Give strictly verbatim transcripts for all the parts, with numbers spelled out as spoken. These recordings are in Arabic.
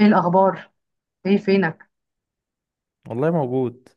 ايه الاخبار؟ ايه فينك؟ والله موجود.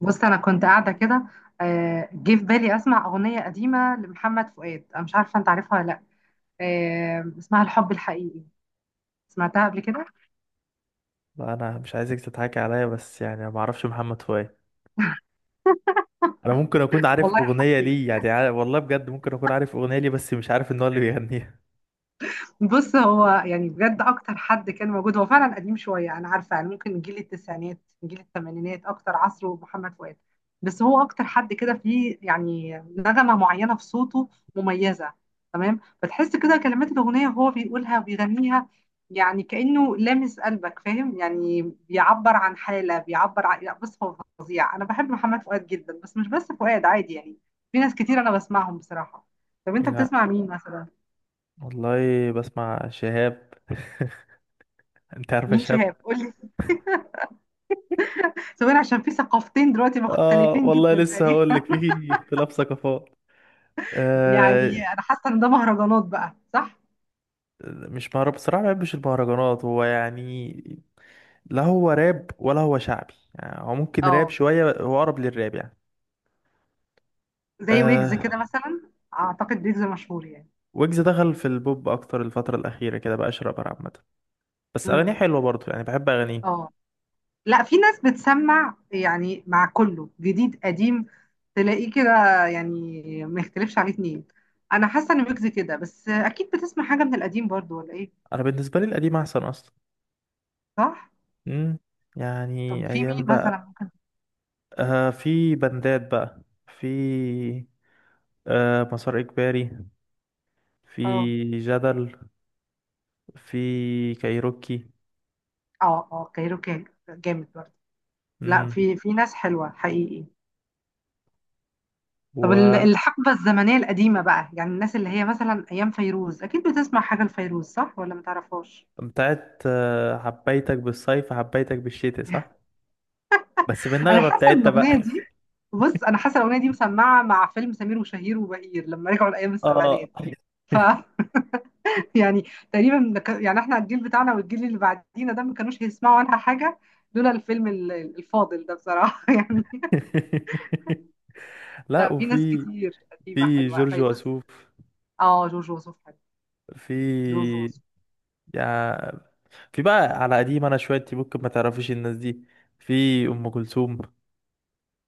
بص، انا كنت قاعده كده. آه، جه في بالي اسمع اغنيه قديمه لمحمد فؤاد. انا مش عارفه انت عارفها ولا لا؟ آه، اسمها الحب الحقيقي. سمعتها قبل كده؟ لا انا مش عايزك تضحكي عليا، بس يعني أنا ما اعرفش محمد فؤاد. انا ممكن اكون عارف والله اغنيه حسيت. ليه، يعني عارف والله بجد، ممكن اكون عارف اغنيه ليه بس مش عارف ان هو اللي بيغنيها. بص، هو يعني بجد اكتر حد كان موجود. هو فعلا قديم شويه، انا عارفه، يعني ممكن جيل التسعينات. جيل الثمانينات اكتر عصره محمد فؤاد. بس هو اكتر حد كده فيه، يعني نغمه معينه في صوته مميزه. تمام، فتحس كده كلمات الاغنيه وهو بيقولها وبيغنيها. يعني كانه لامس قلبك، فاهم يعني. بيعبر عن حاله، بيعبر عن... لا، بص هو فظيع، انا بحب محمد فؤاد جدا، بس مش بس فؤاد عادي يعني. في ناس كتير انا بسمعهم بصراحه. طب انت لا بتسمع مين مثلا؟ والله، بسمع شهاب. انت عارفه مين شهاب؟ شهاب؟ قول. سواء عشان في ثقافتين دلوقتي اه مختلفين والله جدا لسه هقول تقريبا. لك، في اختلاف ثقافات. يعني آه انا حاسه ان ده مهرجانات بقى، صح؟ مش مهرب بصراحه، ما بحبش المهرجانات هو يعني. لا هو راب ولا هو شعبي، يعني هو ممكن راب اه، شويه، هو اقرب للراب يعني. زي ويجز آه كده مثلا، اعتقد ويجز مشهور يعني. ويجز دخل في البوب اكتر الفتره الاخيره كده، بقى شرابر عامه. بس اغانيه امم. حلوه برضه، يعني بحب اغانيه. اه. لا، في ناس بتسمع يعني مع كله جديد قديم. تلاقيه كده، يعني ما يختلفش عليه اتنين. انا حاسه ان ويجز كده، بس اكيد بتسمع حاجه من القديم برضو، ولا ايه؟ انا بالنسبه لي القديم احسن اصلا. صح. امم طب يعني في مين ايام مثلا بقى. ممكن؟ آه في بندات بقى. في آه مسار اجباري. اه، في جدل. في كايروكي. اه، اه، كايروكي جامد برضه. لا، امم في في ناس حلوه حقيقي. طب، ال- الحقبة الزمنية القديمة بقى، يعني الناس اللي هي مثلا أيام فيروز، أكيد بتسمع حاجة لفيروز، صح ولا متعرفهاش؟ وبتاعت آه حبيتك بالصيف حبيتك بالشتاء، صح؟ بس أنا بالنغمه حاسة إن بتاعتها الأغنية بقى. دي... بص، أنا حاسة الأغنية دي مسمعة مع فيلم سمير وشهير وبهير لما رجعوا لأيام اه. السبعينات. ف يعني، تقريبا ك- يعني احنا الجيل بتاعنا والجيل اللي بعدينا ده ما كانوش هيسمعوا عنها حاجة لولا الفيلم ال- الفاضل ده، بصراحة يعني. لا، لا، في ناس وفي كتير قديمة في حلوة. جورج فيروز. وسوف. اه، جورج وسوف حلو. في، جورج وسوف. يعني في بقى على قديم انا شويه، انت ممكن ما تعرفيش الناس دي. في ام كلثوم،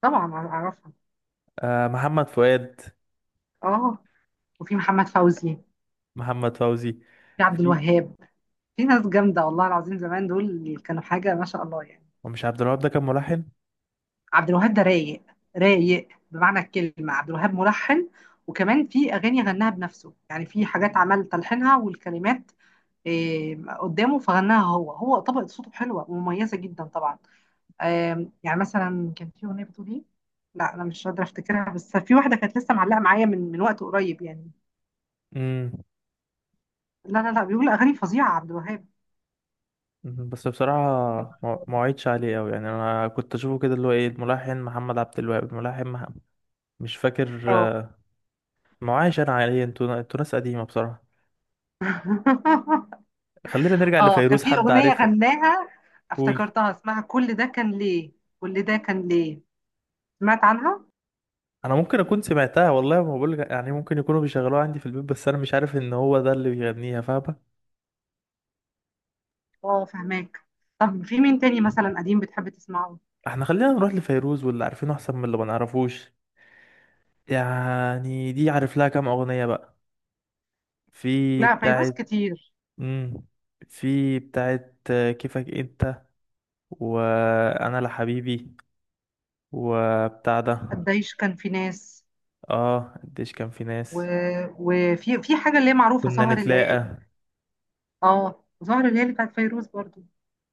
طبعا أعرفها. آه محمد فؤاد، اه، وفي محمد فوزي. محمد فوزي. في عبد في. الوهاب. في ناس جامدة والله العظيم، زمان دول اللي كانوا حاجة ما شاء الله يعني. ومش عبد الوهاب ده كان ملحن؟ عبد الوهاب ده رايق. رايق بمعنى الكلمة. عبد الوهاب ملحن، وكمان في أغاني غناها بنفسه، يعني في حاجات عمل تلحينها والكلمات. إيه، قدامه فغناها هو، هو طبقة صوته حلوة ومميزة جدا طبعا. آم، يعني مثلا كان في أغنية بتقول إيه؟ لا، أنا مش قادرة أفتكرها، بس في واحدة كانت لسه معلقة معايا من من وقت قريب يعني. امم لا، لا، لا، بيقول أغاني فظيعة عبد الوهاب. بس بصراحه ما ما وعدتش عليه قوي، يعني انا كنت اشوفه كده اللي هو ايه الملحن محمد عبد الوهاب الملحن محمد، مش فاكر اه. آه، ما وعيش انا عليه، انتوا انتوا ناس قديمه بصراحه. خلينا نرجع اه، كان لفيروز، في حد اغنيه عارفه؟ غناها، قولي. افتكرتها، اسمها كل ده كان ليه. كل ده كان ليه. سمعت عنها؟ انا ممكن اكون سمعتها والله، ما بقول يعني ممكن يكونوا بيشغلوها عندي في البيت، بس انا مش عارف ان هو ده اللي بيغنيها، فاهمة؟ اه، فهماك. طب في مين تاني مثلا قديم بتحب تسمعه؟ احنا خلينا نروح لفيروز واللي عارفينه احسن من اللي ما نعرفوش. يعني دي عارف لها كام اغنية بقى. في لا، فيروز بتاعت. كتير. امم في بتاعت كيفك انت، وانا لحبيبي، وبتاع ده. قديش كان في ناس. اه قديش كان في و... ناس، وفي في حاجه اللي هي معروفه كنا سهر الليالي. نتلاقى. اه، سهر الليالي بتاعت فيروز برضو.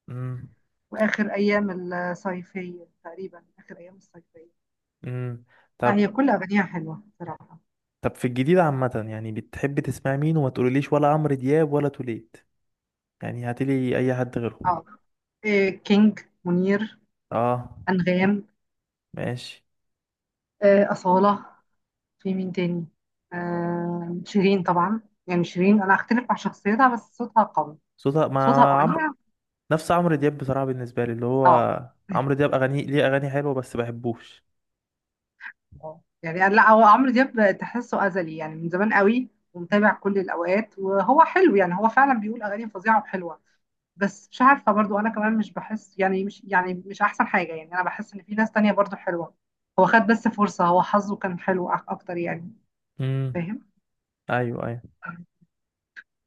امم. واخر ايام الصيفيه تقريبا، اخر ايام الصيفيه. امم، لا، هي طب كل اغانيها حلوه بصراحه. طب في الجديد عامة، يعني بتحب تسمع مين؟ وما تقوليليش ولا عمرو دياب ولا توليد، يعني هاتلي اي حد غيره. اه، إيه كينج. منير. اه. انغام. ماشي. آه، أصالة. في مين تاني؟ آه شيرين طبعا. يعني شيرين انا هختلف مع شخصيتها، بس صوتها قوي. صوتها ما، صوتها عمرو، الاغنيه. نفس عمرو دياب بصراحة بالنسبة لي اللي هو، اه. عمرو دياب اغاني ليه اغاني حلوة بس بحبوش. اه، يعني لا، هو عمرو دياب تحسه ازلي يعني من زمان قوي، ومتابع كل الاوقات، وهو حلو يعني، هو فعلا بيقول اغاني فظيعه وحلوه. بس مش عارفه برضو، انا كمان مش بحس يعني، مش يعني، مش احسن حاجه يعني. انا بحس ان في ناس تانية برضو حلوه. هو خد بس فرصه، هو حظه كان حلو أك- اكتر يعني. امم. فاهم. ايوه، ايوه.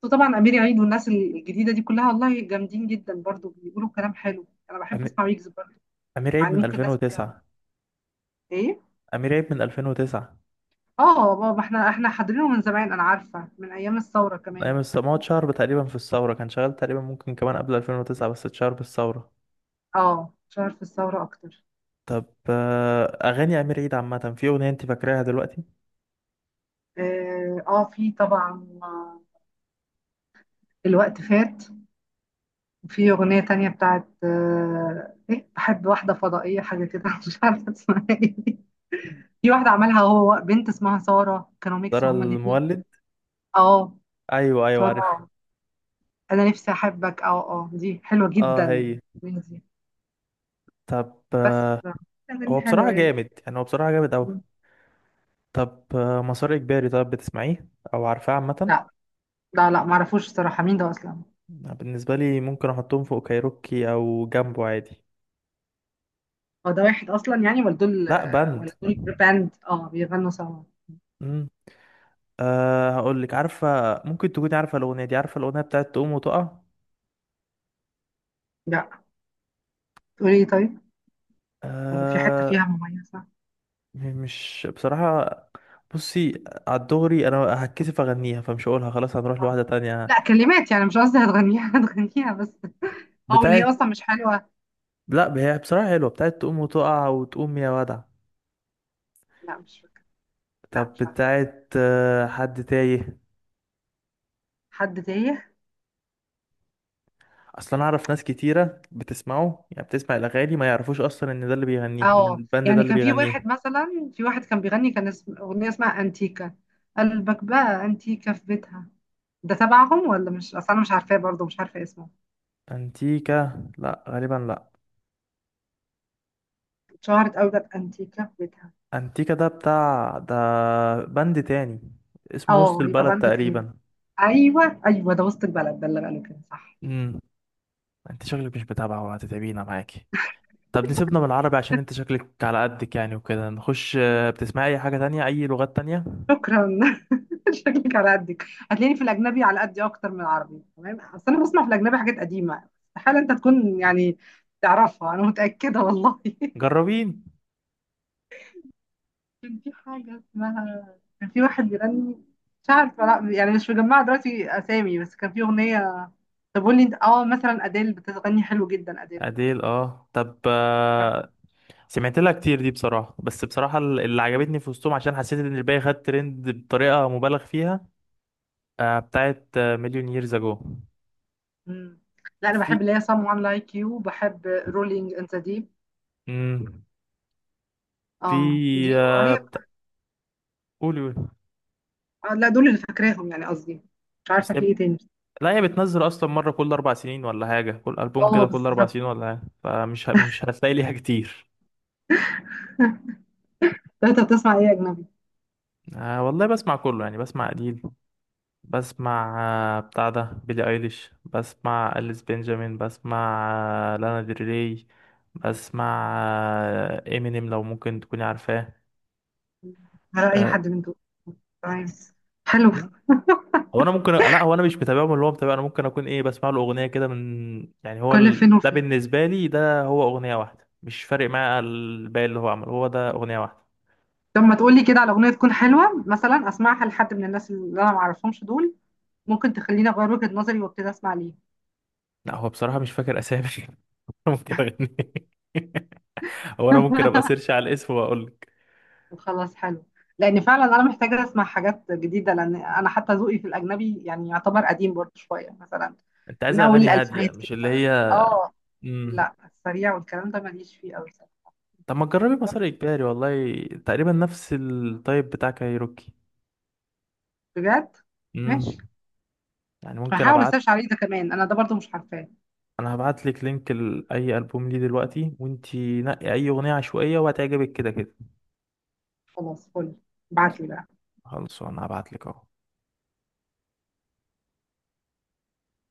وطبعا امير عيد والناس الجديده دي كلها والله جامدين جدا برضو، بيقولوا كلام حلو. انا بحب أمي- اسمع ويجز برضو. امير عيد يعني من ممكن ناس. ألفين وتسعة. ايه. امير عيد من ألفين وتسعة. اه بابا، احنا احنا حاضرينه من زمان، انا عارفه من ايام الثوره كمان، ايام الس- بس ما هو هو... اتشهر تقريبا في الثورة، كان شغال تقريبا ممكن كمان قبل ألفين وتسعة بس اتشهر بالثورة. اه، شهر في الثوره اكتر. طب آه، اغاني امير عيد عامة، في اغنية انت فاكراها دلوقتي؟ اه، آه في طبعا. آه، الوقت فات. في اغنيه تانية بتاعت آه ايه بحب واحده فضائيه حاجه كده مش عارفه اسمها ايه. في واحده عملها هو بنت اسمها ساره، كانوا ميكس ترى هما الاثنين. المولد. اه. ايوه ايوه عارف. ساره. انا نفسي احبك، اه، اه، دي حلوه اه جدا. هي. مين دي؟ طب بس آه، لا، اغاني هو بصراحة حلوه يعني. جامد، يعني هو بصراحة جامد اوي. طب آه، مسار إجباري، طب بتسمعيه أو عارفاه عامة؟ لا، لا، لا، ما اعرفوش الصراحه مين ده اصلا. بالنسبة لي ممكن أحطهم فوق كايروكي أو جنبه عادي. هو ده واحد اصلا يعني، ولا دول لأ، آه، بند. ولا دول باند اه بيغنوا سوا؟ مم. أه، هقولك، عارفة؟ ممكن تكوني عارفة الأغنية دي، عارفة الأغنية بتاعت تقوم وتقع؟ لا. تقولي ايه طيب؟ ولا في حته أه فيها مميزه؟ م- مش بصراحة. بصي على الدغري، أنا هتكسف أغنيها فمش هقولها، خلاص هنروح آه. لواحدة تانية. لا، كلمات يعني، مش قصدي هتغنيها هتغنيها بس. اه، واللي هي بتاعت. اصلا مش حلوه. لأ هي بصراحة حلوة، بتاعت تقوم وتقع وتقوم يا ودع. لا، مش فاكره. لا، طب مش عارفه. بتاعت آه، حد تايه. حد تايه؟ اصلا انا اعرف ناس كتيره بتسمعه، يعني بتسمع الاغاني ما يعرفوش اصلا ان ده اللي بيغنيها، ان اه الباند ده يعني، اللي كان في بيغنيها. واحد مثلا، في واحد كان بيغني، كان اسم اغنيه اسمها انتيكا. قلبك بقى انتيكا في بيتها. ده تبعهم ولا مش؟ اصل انا مش عارفاه برضه، مش عارفه اسمه. انتيكا؟ لا غالبا لا. اتشهرت قوي ده، بانتيكا في بيتها. انتيكا ده بتاع ده، باند تاني، اسمه وسط اه، يبقى البلد بند تاني. تقريبا. ايوه، ايوه، ده وسط البلد، ده اللي قالوا كده، صح. امم. انت شكلك مش متابعه، وهتتعبينا معاكي. طب نسيبنا من العربي، عشان انت شكلك على قدك يعني، وكده نخش آه، بتسمعي اي حاجه تانية، اي لغات تانية؟ شكرا. شكلك على قدك، هتلاقيني في الاجنبي على قدي اكتر من العربي، تمام؟ اصل انا بسمع في الاجنبي حاجات قديمه، استحاله انت تكون يعني تعرفها، انا متاكده والله جربي. كان في حاجه اسمها... كان في واحد بيغني. مش عارفه، لا يعني مش مجمعه دلوقتي اسامي، بس كان في اغنيه. طب قول لي انت، اه مثلا اديل بتغني حلو جدا، اديل. أديل؟ اه، طب آه، سمعت لها كتير دي بصراحة، بس بصراحة ال- اللي عجبتني في وسطهم، عشان حسيت ان الباقي خد ترند بطريقة مبالغ فيها آه، بتاعت آه، مليون ييرز اجو. مم. لا، انا بحب في. اللي هي someone like you، بحب rolling in the deep. مم. اه، في دي آه، هي. بتا... قولي، قولي. آه لا، دول اللي فاكراهم يعني، قصدي مش عارفه بس في هي- ايه تاني. لا هي بتنزل اصلا مرة كل اربع سنين ولا حاجة، كل البوم اه، كده كل اربع بالظبط. سنين ولا حاجة، فمش ه... مش هتلاقي ليها كتير. لا، انت بتسمع ايه اجنبي؟ آه والله بسمع كله، يعني بسمع قليل. بسمع آه، بتاع ده بيلي ايليش. بسمع أليس بنجامين. بسمع آه، لانا دريي. بسمع آه، امينيم، لو ممكن تكوني عارفاه. على اي آه، حد من دول؟ تمام. حلو. هو انا ممكن، لا هو انا مش متابعهم اللي هو متابع، انا ممكن اكون ايه بسمع له اغنيه كده من، يعني هو كل فين ال... ده وفين. بالنسبه لي، ده هو اغنيه واحده مش فارق معايا الباقي اللي هو عمله، هو ده اغنيه واحده. طب ما تقولي كده على اغنيه تكون حلوه مثلا، اسمعها لحد من الناس اللي انا ما اعرفهمش دول. ممكن تخليني اغير وجهه نظري وابتدي اسمع ليه. لا هو بصراحه مش فاكر اسامي. ممكن اغني. هو انا ممكن ابقى سيرش على الاسم واقول لك. وخلاص، حلو. لان فعلا انا محتاجه اسمع حاجات جديده، لان انا حتى ذوقي في الاجنبي يعني يعتبر قديم برضه شويه مثلا، انت عايز من اول اغاني هاديه، الالفينات مش كده. اللي هي اه. مم. لا، السريع والكلام ده ماليش فيه قوي. طب ما تجربي مسار اجباري، والله تقريبا نفس التايب بتاع كايروكي. بجد؟ امم، ماشي. يعني ممكن هحاول ابعت. اسيرش عليه ده كمان، انا ده برضه مش عارفاه. انا هبعت لك لينك لاي البوم ليه دلوقتي، وانتي نقي اي اغنيه عشوائيه وهتعجبك كده كده. خلاص، فل. ابعتلي بقى. خلاص، انا هبعت لك اهو.